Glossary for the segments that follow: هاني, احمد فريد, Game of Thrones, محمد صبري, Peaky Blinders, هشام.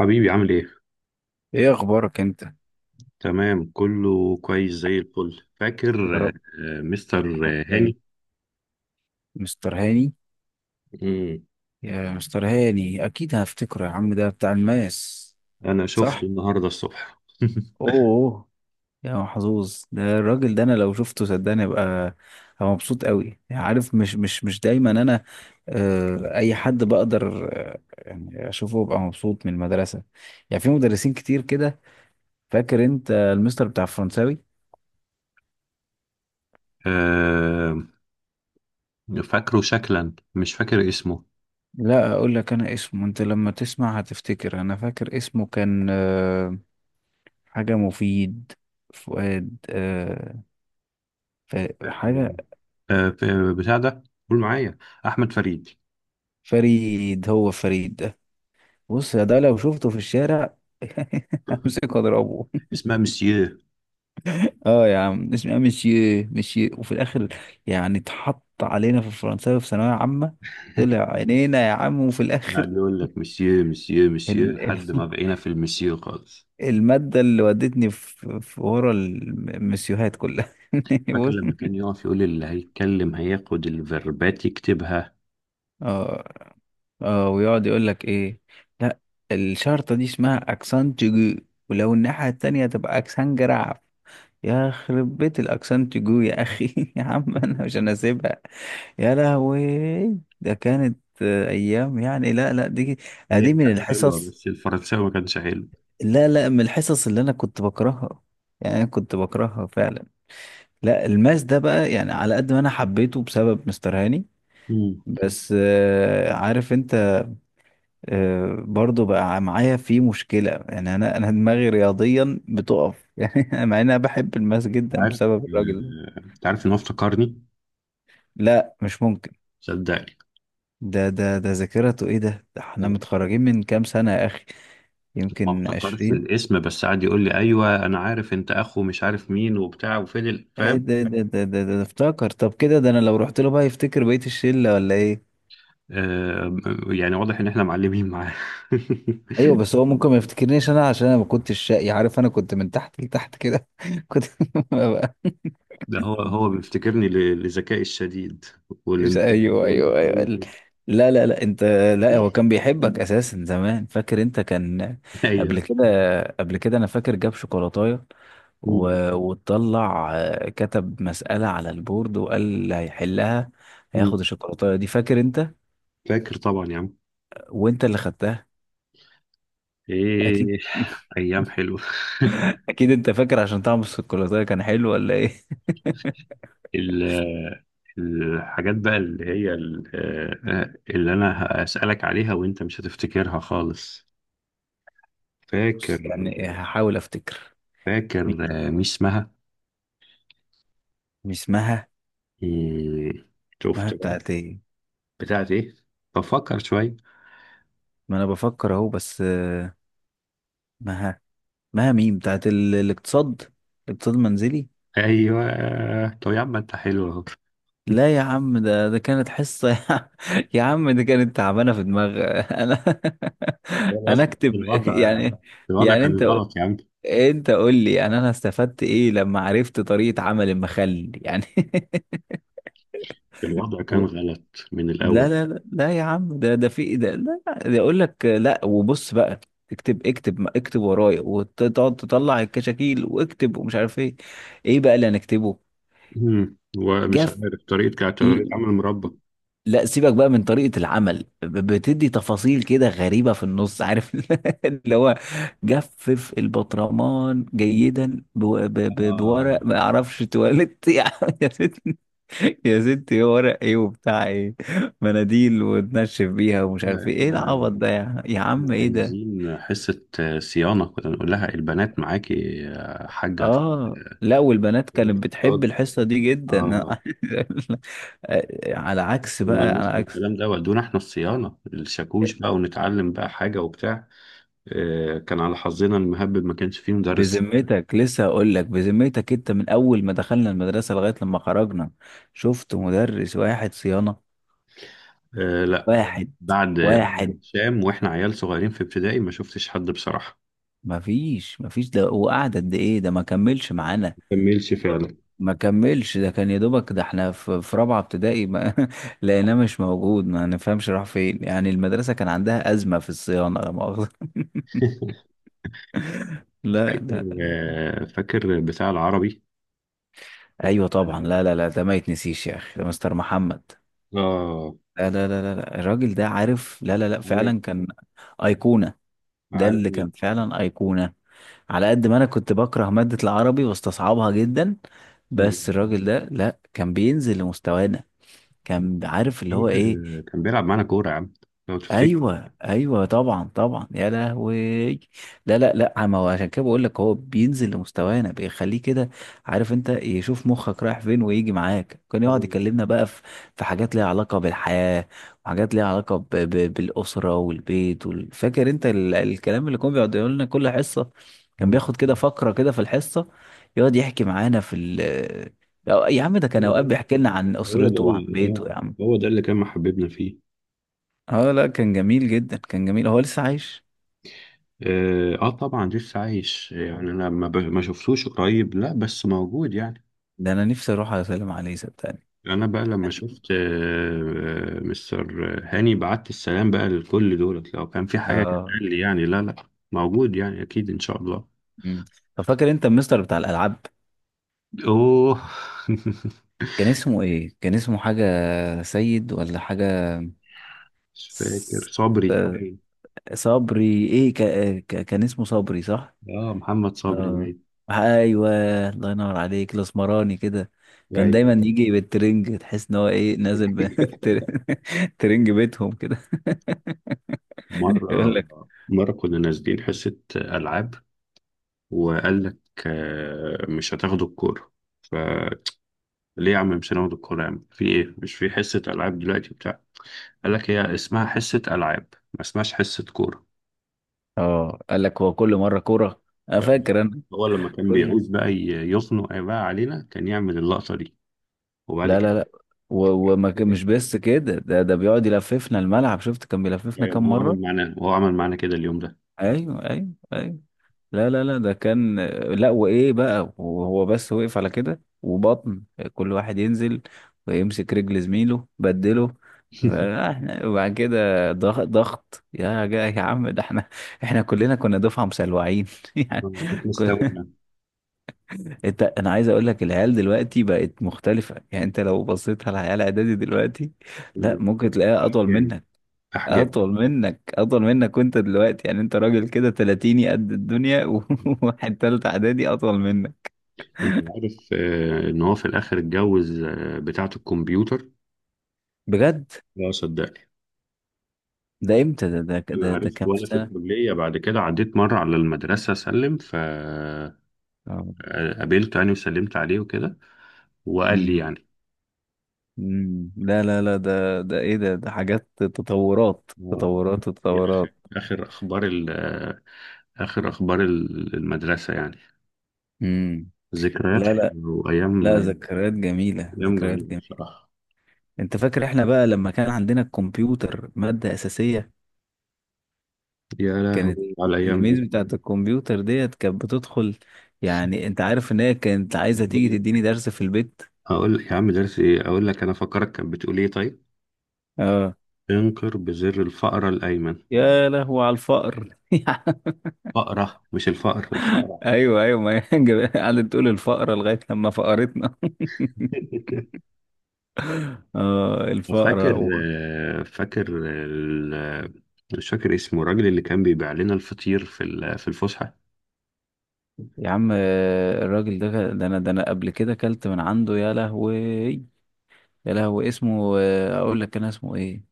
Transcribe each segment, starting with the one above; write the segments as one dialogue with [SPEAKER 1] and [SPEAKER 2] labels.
[SPEAKER 1] حبيبي عامل ايه؟
[SPEAKER 2] ايه اخبارك انت؟
[SPEAKER 1] تمام كله كويس زي الفل
[SPEAKER 2] يا
[SPEAKER 1] فاكر
[SPEAKER 2] رب.
[SPEAKER 1] مستر
[SPEAKER 2] دايما.
[SPEAKER 1] هاني؟
[SPEAKER 2] مستر هاني.
[SPEAKER 1] مم.
[SPEAKER 2] يا مستر هاني اكيد هفتكره يا عم، ده بتاع الماس.
[SPEAKER 1] انا شفته
[SPEAKER 2] صح.
[SPEAKER 1] النهارده الصبح
[SPEAKER 2] اوه. يا محظوظ، ده الراجل ده، انا لو شفته صدقني أبقى مبسوط قوي، يعني عارف، مش دايما. انا اي حد بقدر يعني اشوفه ابقى مبسوط من المدرسه. يعني في مدرسين كتير كده. فاكر انت المستر بتاع الفرنساوي؟
[SPEAKER 1] آه، فاكره شكلا مش فاكر اسمه.
[SPEAKER 2] لا اقول لك انا اسمه، انت لما تسمع هتفتكر. انا فاكر اسمه كان حاجة مفيد. فؤاد ف... حاجة.
[SPEAKER 1] مم. بتاع ده، قول معايا احمد فريد.
[SPEAKER 2] فريد، هو فريد ده. بص يا ده، لو شفته في الشارع همسكه اضربه.
[SPEAKER 1] اسمها مسيو.
[SPEAKER 2] اه يا عم، اسمها مشي مشي وفي الاخر. يعني اتحط علينا في الفرنساوي في ثانوية عامة، طلع عينينا يا عم، وفي الاخر
[SPEAKER 1] قاعد يقول لك مسيو مسيو مسيو
[SPEAKER 2] ال... ال...
[SPEAKER 1] لحد ما بقينا في المسيو خالص.
[SPEAKER 2] المادة اللي ودتني في ورا المسيوهات كلها.
[SPEAKER 1] فاكر
[SPEAKER 2] بص.
[SPEAKER 1] لما كان يقف يقول اللي هيتكلم هياخد الفيربات يكتبها.
[SPEAKER 2] اه. اه، ويقعد يقول لك ايه. لا، الشرطة دي اسمها اكسان تيجو، ولو الناحية التانية تبقى اكسان جراف. يا خرب بيت الاكسان تيجو يا اخي يا عم انا مش انا سيبها. يا لهوي، ده كانت ايام يعني. لا لا، دي
[SPEAKER 1] هي
[SPEAKER 2] دي من
[SPEAKER 1] كانت حلوه
[SPEAKER 2] الحصص.
[SPEAKER 1] بس الفرنساوي ما كانش حلو.
[SPEAKER 2] لا لا، من الحصص اللي انا كنت بكرهها. يعني انا كنت بكرهها فعلا. لا، الماس ده بقى يعني على قد ما انا حبيته بسبب مستر هاني.
[SPEAKER 1] امم،
[SPEAKER 2] بس عارف انت، برضو بقى معايا في مشكلة، يعني أنا دماغي رياضيا بتقف يعني مع إن أنا بحب الماس جدا
[SPEAKER 1] عارف
[SPEAKER 2] بسبب الراجل ده.
[SPEAKER 1] انت عارف ان هو افتكرني،
[SPEAKER 2] لا مش ممكن.
[SPEAKER 1] صدقني.
[SPEAKER 2] ده ذاكرته إيه ده؟ ده إحنا
[SPEAKER 1] مم.
[SPEAKER 2] متخرجين من كام سنة يا أخي؟
[SPEAKER 1] ما
[SPEAKER 2] يمكن
[SPEAKER 1] افتكرش
[SPEAKER 2] 20.
[SPEAKER 1] الاسم بس قعد يقول لي ايوه انا عارف انت اخو مش عارف مين وبتاع وفين
[SPEAKER 2] إيه
[SPEAKER 1] فاهم.
[SPEAKER 2] ده افتكر؟ طب كده، ده أنا لو رحت له بقى يفتكر بقية الشلة ولا إيه؟
[SPEAKER 1] آه، يعني واضح ان احنا معلمين معاه.
[SPEAKER 2] أيوه، بس هو ممكن ما يفتكرنيش أنا، عشان أنا ما كنتش شقي، عارف، أنا كنت من تحت لتحت كده كنت.
[SPEAKER 1] ده هو بيفتكرني لذكائي الشديد،
[SPEAKER 2] مش.
[SPEAKER 1] ولنبوغ
[SPEAKER 2] ايوه ايوه ايوه.
[SPEAKER 1] ولتفوقه.
[SPEAKER 2] لا لا لا، انت. لا، هو كان بيحبك اساسا زمان، فاكر انت؟ كان قبل
[SPEAKER 1] ايوه.
[SPEAKER 2] كده. قبل كده انا فاكر جاب شوكولاتايه،
[SPEAKER 1] مم.
[SPEAKER 2] وطلع كتب مسألة على البورد، وقال اللي هيحلها
[SPEAKER 1] مم.
[SPEAKER 2] هياخد الشوكولاتايه دي، فاكر انت؟
[SPEAKER 1] فاكر طبعا يا عم.
[SPEAKER 2] وانت اللي خدتها. اكيد
[SPEAKER 1] ايه، ايام حلوه.
[SPEAKER 2] اكيد انت فاكر عشان طعم الشوكولاتايه كان حلو ولا ايه
[SPEAKER 1] ال- الحاجات بقى اللي هي اللي انا هسألك عليها وانت مش هتفتكرها خالص. فاكر؟
[SPEAKER 2] بص، يعني هحاول افتكر.
[SPEAKER 1] فاكر
[SPEAKER 2] مين؟
[SPEAKER 1] مش اسمها
[SPEAKER 2] مش مها؟
[SPEAKER 1] إيه،
[SPEAKER 2] مها
[SPEAKER 1] شفت بقى؟
[SPEAKER 2] بتاعت ايه؟
[SPEAKER 1] بتاعت ايه؟ بفكر شوية.
[SPEAKER 2] ما انا بفكر اهو، بس مها. ما مين، بتاعت الاقتصاد؟ اقتصاد منزلي.
[SPEAKER 1] ايوه، طب يا عم انت حلو اهو.
[SPEAKER 2] لا يا عم، ده كانت حصة يا عم يا عم دي كانت تعبانة في دماغ انا. انا
[SPEAKER 1] الوضع،
[SPEAKER 2] اكتب
[SPEAKER 1] الوضع،
[SPEAKER 2] يعني.
[SPEAKER 1] الوضع
[SPEAKER 2] يعني
[SPEAKER 1] كان
[SPEAKER 2] انت،
[SPEAKER 1] غلط يا عم.
[SPEAKER 2] قول لي، يعني انا استفدت ايه لما عرفت طريقة عمل المخل يعني؟
[SPEAKER 1] الوضع
[SPEAKER 2] و...
[SPEAKER 1] كان غلط من
[SPEAKER 2] لا
[SPEAKER 1] الاول.
[SPEAKER 2] لا لا لا يا عم، ده في، ده لا. ده اقول لك لا، وبص بقى. اكتب اكتب اكتب ورايا، وتقعد تطلع الكشاكيل واكتب، ومش عارف ايه. ايه بقى اللي هنكتبه؟
[SPEAKER 1] ومش
[SPEAKER 2] جاف.
[SPEAKER 1] عارف طريقة، كانت طريقة
[SPEAKER 2] ل-
[SPEAKER 1] عمل مربى.
[SPEAKER 2] لا سيبك بقى من طريقة العمل، بتدي تفاصيل كده غريبة في النص، عارف اللي هو: جفف البطرمان جيدا
[SPEAKER 1] آه.
[SPEAKER 2] بورق ما اعرفش تواليت يا ست، يا ستي، ورق ايه وبتاع ايه؟ مناديل وتنشف بيها، ومش عارف ايه
[SPEAKER 1] احنا،
[SPEAKER 2] العبط ده، يا عم؟
[SPEAKER 1] احنا
[SPEAKER 2] ايه ده.
[SPEAKER 1] عايزين حصة صيانة، كنا نقول لها البنات معاكي يا حاجة
[SPEAKER 2] اه لا، والبنات
[SPEAKER 1] اللي
[SPEAKER 2] كانت بتحب
[SPEAKER 1] بتضاد.
[SPEAKER 2] الحصة دي جدا
[SPEAKER 1] اه،
[SPEAKER 2] على
[SPEAKER 1] احنا
[SPEAKER 2] عكس بقى،
[SPEAKER 1] مالناش
[SPEAKER 2] على
[SPEAKER 1] في
[SPEAKER 2] عكس.
[SPEAKER 1] الكلام ده، ودونا احنا الصيانة الشاكوش بقى ونتعلم بقى حاجة وبتاع. آه، كان على حظنا المهبب ما كانش فيه مدرس.
[SPEAKER 2] بذمتك، لسه هقول لك بذمتك، انت من اول ما دخلنا المدرسه لغايه لما خرجنا، شفت مدرس واحد صيانه؟
[SPEAKER 1] آه لا،
[SPEAKER 2] واحد.
[SPEAKER 1] بعد
[SPEAKER 2] واحد.
[SPEAKER 1] بعد هشام واحنا عيال صغيرين في ابتدائي ما شفتش حد بصراحة.
[SPEAKER 2] مفيش ده، وقعد قد ايه ده؟ ما كملش معانا.
[SPEAKER 1] ما كملش فعلا.
[SPEAKER 2] ما كملش، ده كان يا دوبك ده احنا في رابعه ابتدائي، ما لقيناه مش موجود، ما نفهمش راح فين. يعني المدرسه كان عندها ازمه في الصيانه لا مؤاخذه لا لا.
[SPEAKER 1] فاكر، آه فاكر بتاع العربي.
[SPEAKER 2] ايوه طبعا، لا لا لا، ده ما يتنسيش يا اخي، ده مستر محمد.
[SPEAKER 1] اه،
[SPEAKER 2] لا لا لا لا لا، الراجل ده، عارف، لا لا لا،
[SPEAKER 1] عالمي،
[SPEAKER 2] فعلا كان أيقونة. ده اللي كان
[SPEAKER 1] عالمي.
[SPEAKER 2] فعلا أيقونة. على قد ما أنا كنت بكره مادة العربي واستصعبها جدا، بس الراجل ده لا، كان بينزل لمستوانا. كان عارف اللي
[SPEAKER 1] عم،
[SPEAKER 2] هو إيه.
[SPEAKER 1] كان بيلعب معانا كورة يا عم لو تفتكر.
[SPEAKER 2] ايوه ايوه طبعا طبعا، يا لهوي. لا لا لا، ما هو عشان كده بقول لك، هو بينزل لمستوانا بيخليه كده، عارف انت، يشوف مخك رايح فين ويجي معاك. كان يقعد
[SPEAKER 1] مم.
[SPEAKER 2] يكلمنا بقى في حاجات ليها علاقه بالحياه، وحاجات ليها علاقه ب بالاسره والبيت، فاكر انت ال الكلام اللي كان بيقعد يقول لنا كل حصه؟ كان
[SPEAKER 1] مم.
[SPEAKER 2] بياخد كده فقره كده في الحصه، يقعد يحكي معانا في ال. يا عم ده كان
[SPEAKER 1] هو ده،
[SPEAKER 2] اوقات بيحكي لنا عن
[SPEAKER 1] هو ده
[SPEAKER 2] اسرته وعن
[SPEAKER 1] اللي
[SPEAKER 2] بيته يا عم.
[SPEAKER 1] هو ده اللي كان محببنا فيه.
[SPEAKER 2] اه لا، كان جميل جدا، كان جميل. هو لسه عايش؟
[SPEAKER 1] اه، آه طبعا لسه عايش يعني انا ما، ب... ما شفتوش قريب لا بس موجود يعني.
[SPEAKER 2] ده انا نفسي اروح على سلام عليه صدقني.
[SPEAKER 1] انا بقى لما
[SPEAKER 2] يعني
[SPEAKER 1] شفت آه مستر هاني بعت السلام بقى لكل دولت لو كان في حاجة
[SPEAKER 2] اه.
[SPEAKER 1] تتقال لي. يعني لا لا، موجود يعني اكيد ان شاء الله.
[SPEAKER 2] امم. طب فاكر انت المستر بتاع الالعاب؟
[SPEAKER 1] اوه.
[SPEAKER 2] كان اسمه ايه؟ كان اسمه حاجه، سيد ولا حاجه.
[SPEAKER 1] مش فاكر،
[SPEAKER 2] س-
[SPEAKER 1] صبري باين.
[SPEAKER 2] صبري، ايه، كان اسمه صبري، صح.
[SPEAKER 1] اه محمد صبري
[SPEAKER 2] اه.
[SPEAKER 1] باين.
[SPEAKER 2] ايوه. الله ينور عليك، الاسمراني كده. كان دايما
[SPEAKER 1] ايوه.
[SPEAKER 2] يجي بالترنج، تحس ان هو ايه، نازل بالترنج بيتهم كده. يقول
[SPEAKER 1] مرة،
[SPEAKER 2] لك.
[SPEAKER 1] مرة كنا نازلين حصة ألعاب وقال لك مش هتاخدوا الكورة؟ فليه؟ يا عم مش هناخد الكورة يا عم، في إيه؟ مش في حصة ألعاب دلوقتي بتاع؟ قال لك هي اسمها حصة ألعاب، ما اسمهاش حصة كورة.
[SPEAKER 2] اه، قال لك هو كل مره كوره. انا
[SPEAKER 1] يعني
[SPEAKER 2] فاكر انا.
[SPEAKER 1] هو لما كان
[SPEAKER 2] كل.
[SPEAKER 1] بيعوز بقى يخنق بقى علينا كان يعمل اللقطة دي. وبعد
[SPEAKER 2] لا
[SPEAKER 1] كده
[SPEAKER 2] لا لا،
[SPEAKER 1] كده.
[SPEAKER 2] مش بس كده، ده بيقعد يلففنا الملعب، شفت كان بيلففنا
[SPEAKER 1] أيوة، ما
[SPEAKER 2] كام
[SPEAKER 1] هو
[SPEAKER 2] مرة.
[SPEAKER 1] عمل معانا، هو عمل معانا كده اليوم ده.
[SPEAKER 2] ايوه ايوه ايوه. لا لا لا، ده كان. لا وايه بقى، وهو بس وقف على كده وبطن، كل واحد ينزل ويمسك رجل زميله بدله. فاحنا وبعد كده ضغط ضغط، يا جا يا عم، ده احنا، احنا كلنا كنا دفعة مسلوعين يعني.
[SPEAKER 1] احنا استوينا.
[SPEAKER 2] انت، انا عايز اقول لك، العيال دلوقتي بقت مختلفة، يعني انت لو بصيت على عيال اعدادي دلوقتي، لا، ممكن تلاقيها اطول
[SPEAKER 1] أحجام،
[SPEAKER 2] منك،
[SPEAKER 1] أحجام.
[SPEAKER 2] اطول منك، اطول منك. وانت دلوقتي، يعني انت راجل كده تلاتيني قد الدنيا وواحد تالت اعدادي اطول منك.
[SPEAKER 1] انت عارف ان هو في الاخر اتجوز بتاعة الكمبيوتر؟
[SPEAKER 2] بجد؟
[SPEAKER 1] لا صدقني،
[SPEAKER 2] ده امتى ده ده
[SPEAKER 1] انا
[SPEAKER 2] ده, ده
[SPEAKER 1] عرفت
[SPEAKER 2] كام في
[SPEAKER 1] وانا في
[SPEAKER 2] سنة؟
[SPEAKER 1] الكلية، بعد كده عديت مرة على المدرسة اسلم فقابلته
[SPEAKER 2] اه.
[SPEAKER 1] يعني، وسلمت عليه وكده وقال لي
[SPEAKER 2] مم.
[SPEAKER 1] يعني.
[SPEAKER 2] مم. لا لا لا، ده ايه ده ده حاجات. تطورات
[SPEAKER 1] آه،
[SPEAKER 2] تطورات
[SPEAKER 1] دي اخر
[SPEAKER 2] تطورات.
[SPEAKER 1] اخر اخبار اخر اخبار المدرسة يعني.
[SPEAKER 2] مم.
[SPEAKER 1] ذكريات
[SPEAKER 2] لا لا
[SPEAKER 1] حلوة وايام،
[SPEAKER 2] لا، ذكريات جميلة،
[SPEAKER 1] ايام
[SPEAKER 2] ذكريات.
[SPEAKER 1] جميلة بصراحة.
[SPEAKER 2] انت فاكر احنا بقى لما كان عندنا الكمبيوتر مادة أساسية؟
[SPEAKER 1] يا لهوي
[SPEAKER 2] كانت
[SPEAKER 1] على الايام
[SPEAKER 2] الميز
[SPEAKER 1] دي.
[SPEAKER 2] بتاعت الكمبيوتر ديت كانت بتدخل، يعني انت عارف ان هي كانت عايزة
[SPEAKER 1] هقول
[SPEAKER 2] تيجي
[SPEAKER 1] لك،
[SPEAKER 2] تديني درس في البيت.
[SPEAKER 1] هقول لك يا عم درس ايه، اقول لك انا فكرك كانت بتقول ايه؟ طيب،
[SPEAKER 2] اه.
[SPEAKER 1] انقر بزر الفأرة الأيمن.
[SPEAKER 2] يا لهو على الفقر.
[SPEAKER 1] فأرة مش الفأر، الفأرة.
[SPEAKER 2] ايوه ايوه، ما هي قعدت تقول الفقرة لغاية لما فقرتنا. اه، الفقرة
[SPEAKER 1] فاكر، فاكر ال- مش فاكر اسمه الراجل اللي كان بيبيع لنا الفطير في في الفسحة؟
[SPEAKER 2] يا عم الراجل ده انا قبل كده كلت من عنده، يا لهوي. يا لهوي، اسمه اقول لك كان اسمه ايه.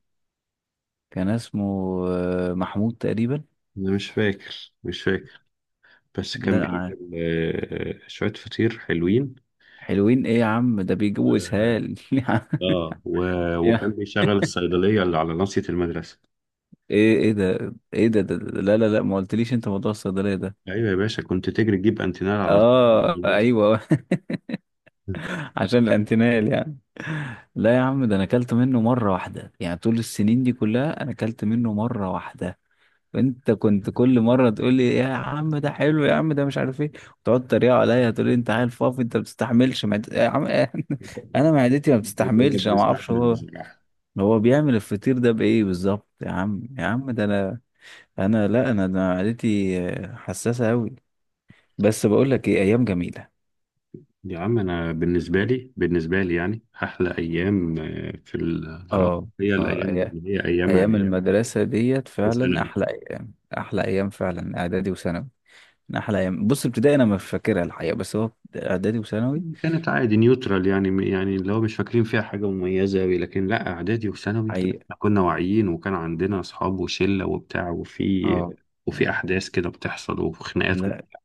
[SPEAKER 2] كان اسمه محمود تقريبا.
[SPEAKER 1] أنا مش فاكر، مش فاكر، بس كان
[SPEAKER 2] لا
[SPEAKER 1] بيعمل شوية فطير حلوين.
[SPEAKER 2] حلوين ايه يا عم، ده بيجيبوا
[SPEAKER 1] و...
[SPEAKER 2] اسهال
[SPEAKER 1] اه، وكان
[SPEAKER 2] يا
[SPEAKER 1] بيشغل الصيدلية اللي على ناصية المدرسة.
[SPEAKER 2] ايه ده، ايه ده، لا لا لا، ما قلتليش انت موضوع الصيدليه ده.
[SPEAKER 1] أيوة يا باشا، كنت تجري تجيب أنتينال على ناصية
[SPEAKER 2] اه
[SPEAKER 1] المدرسة.
[SPEAKER 2] ايوه. عشان الانتينال يعني. لا يا عم، ده انا اكلت منه مره واحده، يعني طول السنين دي كلها انا اكلت منه مره واحده. انت كنت كل مره تقول لي يا عم ده حلو، يا عم ده مش عارف ايه، وتقعد تريق عليا تقول لي انت عيل فاضي، انت ما بتستحملش يا عم انا معدتي ما
[SPEAKER 1] احنا كنا
[SPEAKER 2] بتستحملش، انا ما اعرفش
[SPEAKER 1] بنستحمل
[SPEAKER 2] هو
[SPEAKER 1] بصراحة.
[SPEAKER 2] هو بيعمل الفطير ده بإيه بالظبط. يا عم، يا عم، ده أنا، أنا لا أنا، ده معدتي حساسة أوي. بس بقول لك إيه، أيام جميلة.
[SPEAKER 1] يا عم انا بالنسبه لي، بالنسبه لي يعني احلى ايام في الدراسه
[SPEAKER 2] آه،
[SPEAKER 1] هي
[SPEAKER 2] آه
[SPEAKER 1] الايام دي اللي هي ايام
[SPEAKER 2] أيام هي.
[SPEAKER 1] اعدادي
[SPEAKER 2] المدرسة ديت فعلا
[SPEAKER 1] وثانوي.
[SPEAKER 2] أحلى أيام، أحلى أيام فعلا، إعدادي وثانوي. من أحلى أيام. بص، ابتدائي أنا مش فاكرها الحقيقة، بس هو إعدادي وثانوي.
[SPEAKER 1] كانت عادي نيوترال يعني، يعني اللي هو مش فاكرين فيها حاجه مميزه قوي، لكن لا، اعدادي وثانوي لا،
[SPEAKER 2] حقيقة.
[SPEAKER 1] احنا كنا واعيين وكان عندنا اصحاب وشله وبتاع وفي،
[SPEAKER 2] آه،
[SPEAKER 1] وفي
[SPEAKER 2] آه.
[SPEAKER 1] احداث كده بتحصل وخناقات
[SPEAKER 2] لا
[SPEAKER 1] وبتاع.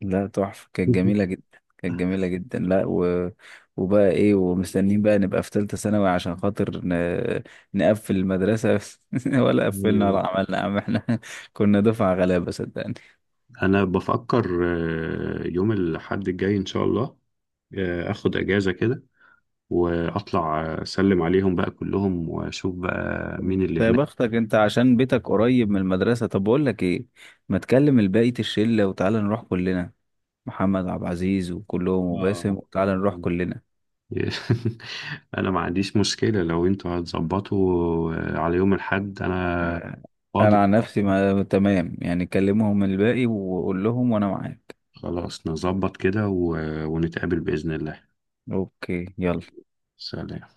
[SPEAKER 2] لا، تحفة، كانت جميلة جدا. كانت جميلة جدا. لا وبقى ايه، ومستنيين بقى نبقى في تالتة ثانوي عشان خاطر نقفل المدرسة ولا قفلنا
[SPEAKER 1] ايوه،
[SPEAKER 2] ولا عملنا يا عم احنا كنا دفعة غلابة صدقني.
[SPEAKER 1] انا بفكر يوم الاحد الجاي ان شاء الله اخد اجازه كده واطلع اسلم عليهم بقى كلهم واشوف بقى مين اللي
[SPEAKER 2] يا
[SPEAKER 1] هناك.
[SPEAKER 2] بختك انت عشان بيتك قريب من المدرسة. طب بقول لك ايه، ما تكلم الباقي الشلة وتعالى نروح كلنا. محمد عبد العزيز وكلهم وباسم،
[SPEAKER 1] اه.
[SPEAKER 2] وتعالى نروح كلنا.
[SPEAKER 1] انا ما عنديش مشكلة لو انتوا هتظبطوا على يوم الاحد، انا
[SPEAKER 2] آه، انا
[SPEAKER 1] فاضي.
[SPEAKER 2] عن نفسي ما... تمام، يعني كلمهم الباقي وقول لهم، وانا معاك.
[SPEAKER 1] خلاص، نظبط كده ونتقابل بإذن الله.
[SPEAKER 2] اوكي، يلا.
[SPEAKER 1] سلام.